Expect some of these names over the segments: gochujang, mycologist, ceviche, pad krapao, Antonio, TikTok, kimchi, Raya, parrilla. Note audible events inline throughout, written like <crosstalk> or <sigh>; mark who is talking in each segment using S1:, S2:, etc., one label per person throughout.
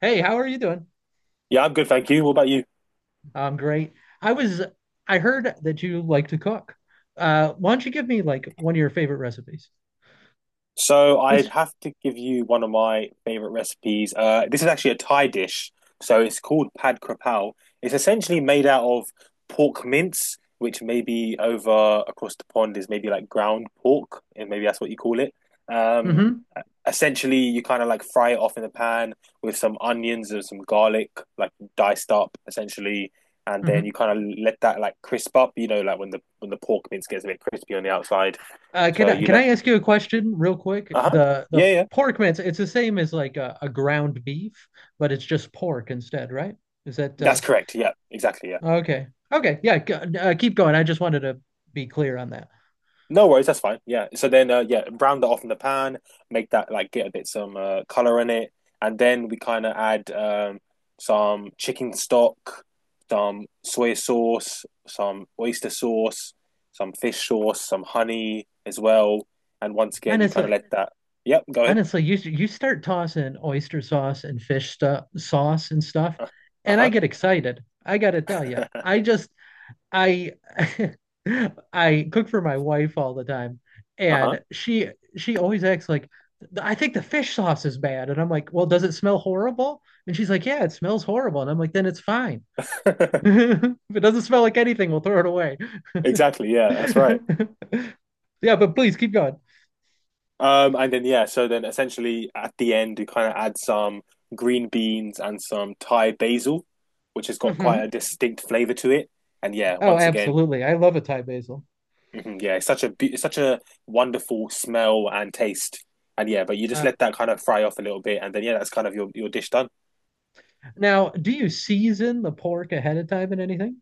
S1: Hey, how are you doing?
S2: Yeah, I'm good, thank you. What about you?
S1: I'm great. I was I heard that you like to cook. Why don't you give me like one of your favorite recipes?
S2: So I'd
S1: What's
S2: have to give you one of my favorite recipes. This is actually a Thai dish, so it's called pad krapao. It's essentially made out of pork mince, which maybe over across the pond is maybe like ground pork, and maybe that's what you call it. Um,
S1: Mm-hmm,
S2: Essentially, you kind of like fry it off in the pan with some onions and some garlic, like diced up, essentially. And then you
S1: mm-hmm.
S2: kind of let that like crisp up, you know, like when the pork mince gets a bit crispy on the outside.
S1: Can
S2: So
S1: I
S2: you
S1: can
S2: let.
S1: I ask you a question real quick?
S2: Uh-huh.
S1: The
S2: Yeah, yeah.
S1: pork mince, it's the same as like a ground beef, but it's just pork instead, right? Is that
S2: That's correct. Yeah, exactly. Yeah.
S1: Okay. Okay. Yeah. Keep going. I just wanted to be clear on that.
S2: No worries, that's fine. Yeah. So then yeah, brown that off in the pan, make that like get a bit some color in it, and then we kind of add some chicken stock, some soy sauce, some oyster sauce, some fish sauce, some honey as well. And once again, you kind of
S1: Honestly,
S2: let that. Yep, go ahead.
S1: honestly, you start tossing oyster sauce and fish stuff, sauce and stuff,
S2: Uh,
S1: and I
S2: Uh-huh.
S1: get excited. I gotta tell you,
S2: <laughs>
S1: I just I <laughs> I cook for my wife all the time,
S2: Uh-huh.
S1: and she always acts like I think the fish sauce is bad, and I'm like, well, does it smell horrible? And she's like, yeah, it smells horrible, and I'm like, then it's fine. <laughs> If it doesn't smell like anything, we'll throw it away.
S2: <laughs> Exactly. Yeah, that's right.
S1: <laughs> Yeah, but please keep going.
S2: And then yeah, so then essentially at the end you kind of add some green beans and some Thai basil, which has got quite a
S1: Hmm.
S2: distinct flavor to it. And yeah,
S1: Oh,
S2: once again,
S1: absolutely. I love a Thai basil.
S2: mhm, yeah, it's such a wonderful smell and taste. And yeah, but you just
S1: Uh,
S2: let that kind of fry off a little bit, and then yeah, that's kind of your dish done.
S1: Now, do you season the pork ahead of time and anything?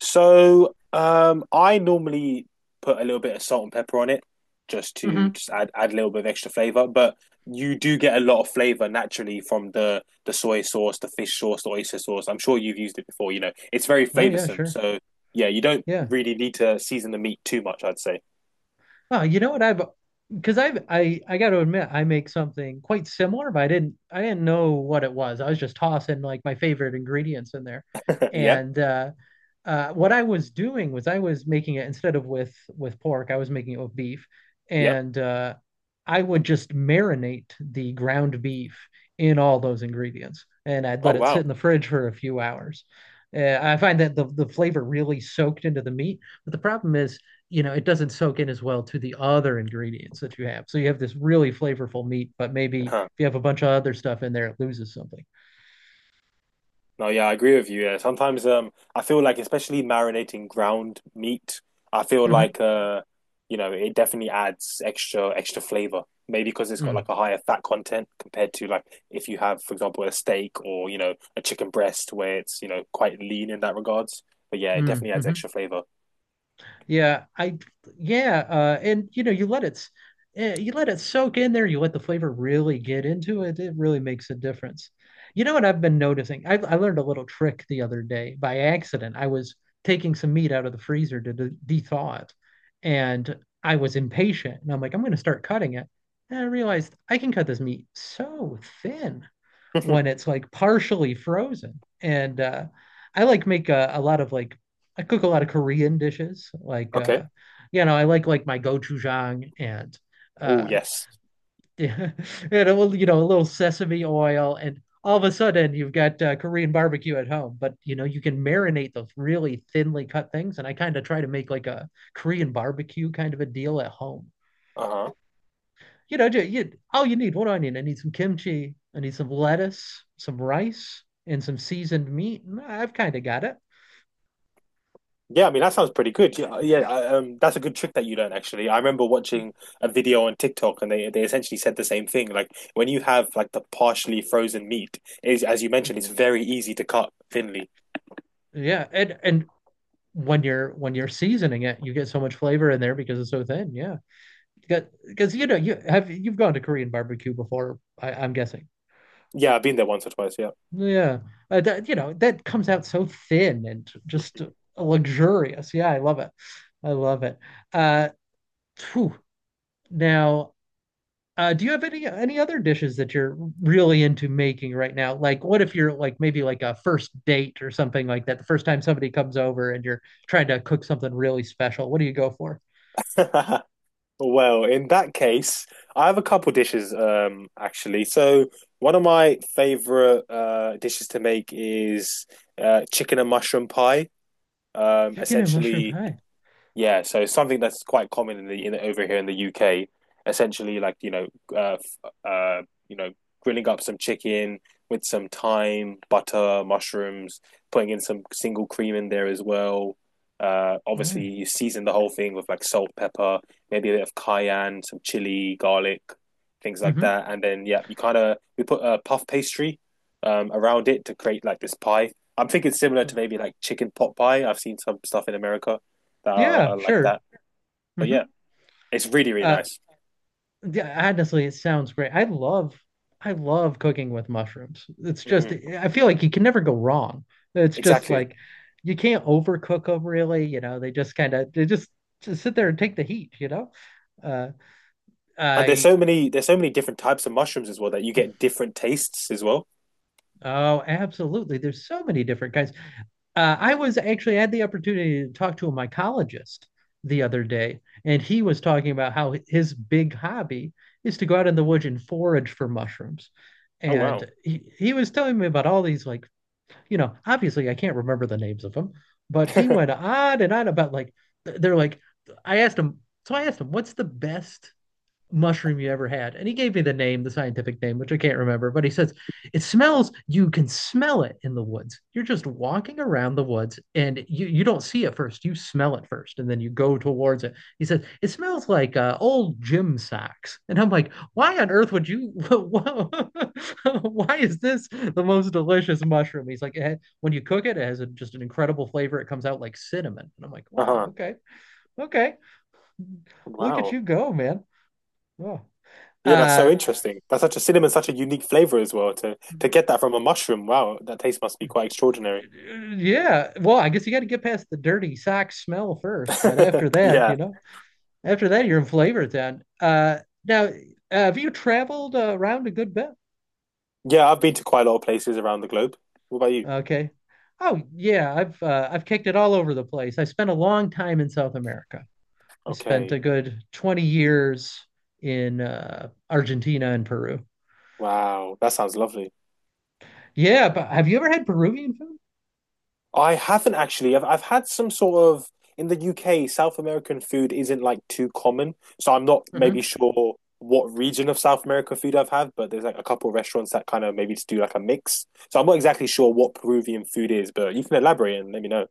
S2: So I normally put a little bit of salt and pepper on it just to
S1: Hmm.
S2: just add a little bit of extra flavor. But you do get a lot of flavor naturally from the soy sauce, the fish sauce, the oyster sauce. I'm sure you've used it before. You know, it's very
S1: Oh yeah,
S2: flavorsome.
S1: sure.
S2: So yeah, you don't
S1: Yeah.
S2: really need to season the meat too much, I'd say.
S1: Oh, you know what I've because I got to admit I make something quite similar, but I didn't know what it was. I was just tossing like my favorite ingredients in there,
S2: <laughs> Yeah,
S1: and what I was doing was I was making it instead of with pork, I was making it with beef,
S2: yeah.
S1: and I would just marinate the ground beef in all those ingredients, and I'd let
S2: Oh
S1: it sit
S2: wow.
S1: in the fridge for a few hours. I find that the flavor really soaked into the meat, but the problem is, it doesn't soak in as well to the other ingredients that you have. So you have this really flavorful meat, but maybe if
S2: <laughs>
S1: you have a bunch of other stuff in there, it loses something.
S2: No, yeah, I agree with you. Yeah, sometimes I feel like especially marinating ground meat, I feel
S1: Mm-hmm.
S2: like you know, it definitely adds extra flavor. Maybe because it's got
S1: Mm-hmm.
S2: like a higher fat content compared to like if you have, for example, a steak or you know a chicken breast where it's you know quite lean in that regards. But yeah, it definitely adds
S1: Mm-hmm.
S2: extra flavor. <laughs>
S1: Yeah, and you know, you let it soak in there. You let the flavor really get into it. It really makes a difference. You know what I've been noticing? I learned a little trick the other day by accident. I was taking some meat out of the freezer to thaw it, and I was impatient. And I'm like, I'm going to start cutting it. And I realized I can cut this meat so thin when it's like partially frozen. And I like make a lot of like I cook a lot of Korean dishes. Like
S2: Okay.
S1: I like my gochujang and
S2: Oh
S1: uh,
S2: yes.
S1: <laughs> and a little sesame oil, and all of a sudden you've got Korean barbecue at home. But you know you can marinate those really thinly cut things, and I kind of try to make like a Korean barbecue kind of a deal at home.
S2: Uh-huh.
S1: You know, you, all you need what do I need some kimchi. I need some lettuce, some rice, and some seasoned meat. I've kind of got it.
S2: Yeah, I mean that sounds pretty good. Yeah, yeah, that's a good trick that you learn actually. I remember watching a video on TikTok and they essentially said the same thing. Like when you have like the partially frozen meat, is as you mentioned, it's very easy to cut thinly.
S1: Yeah, and when you're seasoning it, you get so much flavor in there because it's so thin. Yeah, because you know you've gone to Korean barbecue before. I'm guessing.
S2: Yeah, I've been there once or twice, yeah.
S1: Yeah, you know that comes out so thin and just luxurious. Yeah, I love it. I love it. Uh, Phew. Now, do you have any other dishes that you're really into making right now? Like, what if you're like maybe like a first date or something like that? The first time somebody comes over and you're trying to cook something really special, what do you go for?
S2: <laughs> Well, in that case, I have a couple dishes actually. So one of my favorite dishes to make is chicken and mushroom pie. Um
S1: Chicken and mushroom
S2: essentially
S1: pie.
S2: Yeah, so something that's quite common in the in over here in the UK, essentially like, you know, uh, f- uh, you know, grilling up some chicken with some thyme, butter, mushrooms, putting in some single cream in there as well.
S1: Oh, yeah.
S2: Obviously you season the whole thing with like salt, pepper, maybe a bit of cayenne, some chili, garlic, things like
S1: Mm-hmm.
S2: that. And then yeah, you kind of we put a puff pastry around it to create like this pie. I'm thinking similar to maybe like chicken pot pie. I've seen some stuff in America that
S1: Yeah,
S2: are like
S1: sure.
S2: that. But yeah,
S1: Mm-hmm.
S2: it's really
S1: Uh,
S2: nice.
S1: yeah, honestly, it sounds great. I love cooking with mushrooms. It's just
S2: Hmm.
S1: I feel like you can never go wrong. It's just
S2: Exactly.
S1: like you can't overcook them really, you know. They just sit there and take the heat, you know. Uh
S2: And
S1: I
S2: there's so many different types of mushrooms as well that you get different tastes as well.
S1: Oh, absolutely. There's so many different kinds. I was actually had the opportunity to talk to a mycologist the other day, and he was talking about how his big hobby is to go out in the woods and forage for mushrooms.
S2: Oh wow.
S1: And he was telling me about all these, like, you know, obviously I can't remember the names of them, but he went
S2: <laughs>
S1: on and on about like, they're like, I asked him, what's the best mushroom you ever had. And he gave me the name, the scientific name, which I can't remember, but he says, it smells, you can smell it in the woods. You're just walking around the woods and you don't see it first. You smell it first and then you go towards it. He says, it smells like old gym socks. And I'm like, why on earth would you, <laughs> why is this the most delicious mushroom? He's like, when you cook it, it has a, just an incredible flavor. It comes out like cinnamon. And I'm like, wow,
S2: Uh-huh.
S1: okay, okay. Look at
S2: Wow.
S1: you go, man. Oh.
S2: Yeah, that's so
S1: Uh,
S2: interesting. That's such a cinnamon, such a unique flavor as well. To get that from a mushroom, wow, that taste must be quite extraordinary.
S1: Yeah. Well, I guess you got to get past the dirty sock smell first, but after
S2: <laughs>
S1: that, you
S2: Yeah.
S1: know, after that, you're in flavor town. Now, have you traveled around a good bit?
S2: Yeah, I've been to quite a lot of places around the globe. What about you?
S1: Okay. Oh yeah, I've kicked it all over the place. I spent a long time in South America. I spent
S2: Okay.
S1: a good 20 years in Argentina and Peru.
S2: Wow. That sounds lovely.
S1: Yeah, but have you ever had Peruvian food?
S2: I haven't actually. I've had some sort of in the UK, South American food isn't like too common, so I'm not maybe
S1: Mhm.
S2: sure what region of South American food I've had, but there's like a couple of restaurants that kind of maybe just do like a mix. So I'm not exactly sure what Peruvian food is, but you can elaborate and let me know.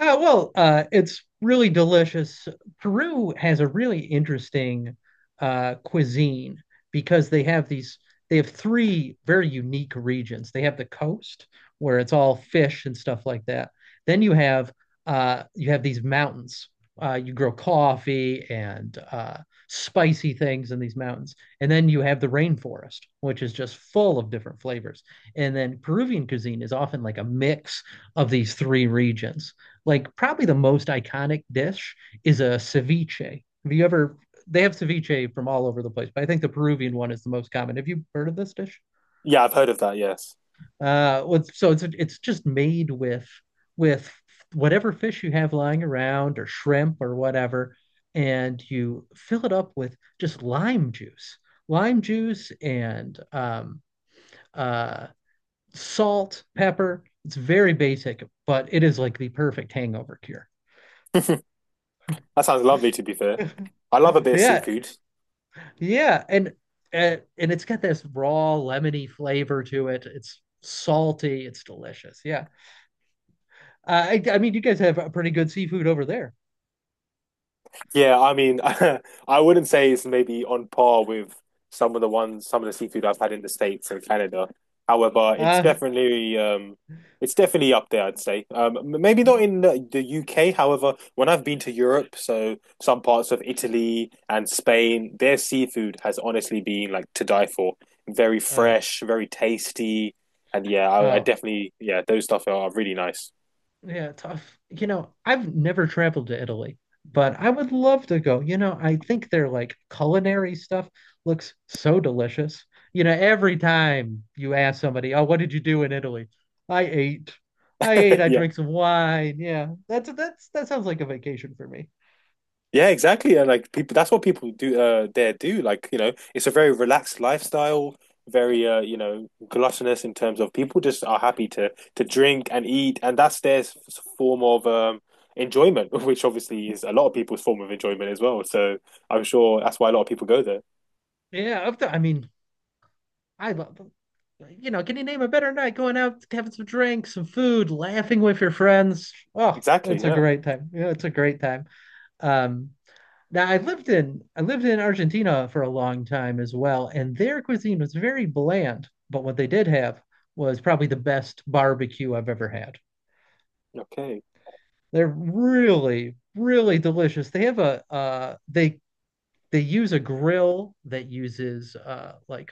S1: Well, it's really delicious. Peru has a really interesting cuisine because they have three very unique regions. They have the coast where it's all fish and stuff like that. Then you have these mountains. You grow coffee and spicy things in these mountains. And then you have the rainforest, which is just full of different flavors. And then Peruvian cuisine is often like a mix of these three regions, like probably the most iconic dish is a ceviche. Have you ever? They have ceviche from all over the place, but I think the Peruvian one is the most common. Have you heard of this dish?
S2: Yeah, I've heard of that, yes.
S1: So it's just made with with whatever fish you have lying around or shrimp or whatever, and you fill it up with just lime juice, and uh, salt, pepper. It's very basic, but it is like the perfect hangover cure.
S2: That sounds lovely to be fair.
S1: <laughs>
S2: I love a bit of
S1: Yeah,
S2: seafood.
S1: yeah, and it's got this raw lemony flavor to it. It's salty. It's delicious. Yeah, I mean, you guys have a pretty good seafood over there.
S2: Yeah, I mean, <laughs> I wouldn't say it's maybe on par with some of the seafood I've had in the States and Canada. However,
S1: Uh,
S2: it's definitely up there, I'd say. Maybe not in the UK. However, when I've been to Europe, so some parts of Italy and Spain, their seafood has honestly been like to die for. Very
S1: oh,
S2: fresh, very tasty, and yeah, I
S1: oh,
S2: definitely, yeah, those stuff are really nice. <laughs>
S1: yeah, tough. You know, I've never traveled to Italy, but I would love to go. You know, I think their like culinary stuff looks so delicious. You know, every time you ask somebody, "Oh, what did you do in Italy?" I ate. I ate, I
S2: Yeah.
S1: drank some wine. Yeah. That sounds like a vacation for me.
S2: Yeah, exactly. And like people, that's what people do there do. Like, you know, it's a very relaxed lifestyle, very you know, gluttonous in terms of people just are happy to drink and eat, and that's form of enjoyment, <laughs> which obviously is a lot of people's form of enjoyment as well. So I'm sure that's why a lot of people go there.
S1: Yeah, I mean, I love you know, can you name a better night going out, having some drinks, some food, laughing with your friends? Oh,
S2: Exactly.
S1: it's a
S2: Yeah.
S1: great time. Yeah, it's a great time. Um, Now I lived in Argentina for a long time as well, and their cuisine was very bland, but what they did have was probably the best barbecue I've ever had.
S2: Okay.
S1: They're really, really delicious. They use a grill that uses like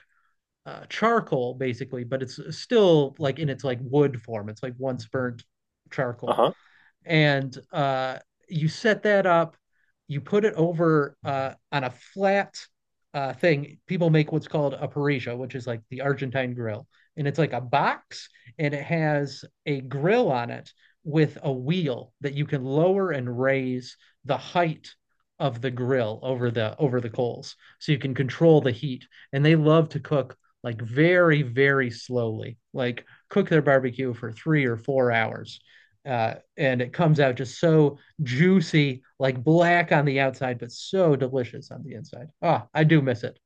S1: charcoal basically, but it's still like in its like wood form. It's like once burnt charcoal.
S2: Uh-huh.
S1: And you set that up. You put it over on a flat thing. People make what's called a parrilla, which is like the Argentine grill, and it's like a box, and it has a grill on it with a wheel that you can lower and raise the height of the grill over the coals, so you can control the heat, and they love to cook like very very slowly, like cook their barbecue for 3 or 4 hours, and it comes out just so juicy, like black on the outside, but so delicious on the inside. Ah, oh, I do miss it.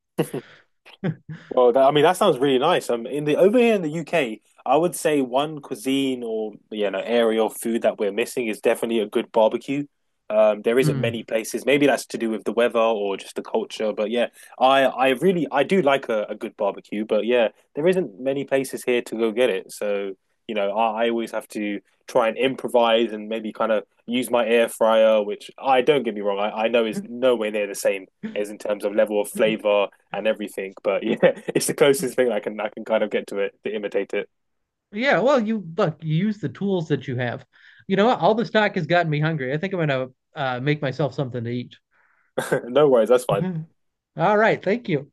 S2: Well, that, I mean, that sounds really nice. In the Over here in the UK, I would say one cuisine or you know area of food that we're missing is definitely a good barbecue. There isn't
S1: Mm.
S2: many places. Maybe that's to do with the weather or just the culture. But yeah, I really I do like a good barbecue. But yeah, there isn't many places here to go get it. So you know, I always have to try and improvise and maybe kind of use my air fryer, which I don't get me wrong, I know is nowhere near the same as
S1: <laughs>
S2: in terms of level of flavor and everything. But <laughs> yeah, it's the closest thing I can kind of get to it to imitate it.
S1: Yeah, well, you look, you use the tools that you have. You know, all this talk has gotten me hungry. I think I'm gonna make myself something to eat.
S2: <laughs> No worries, that's fine.
S1: <laughs> All right, thank you.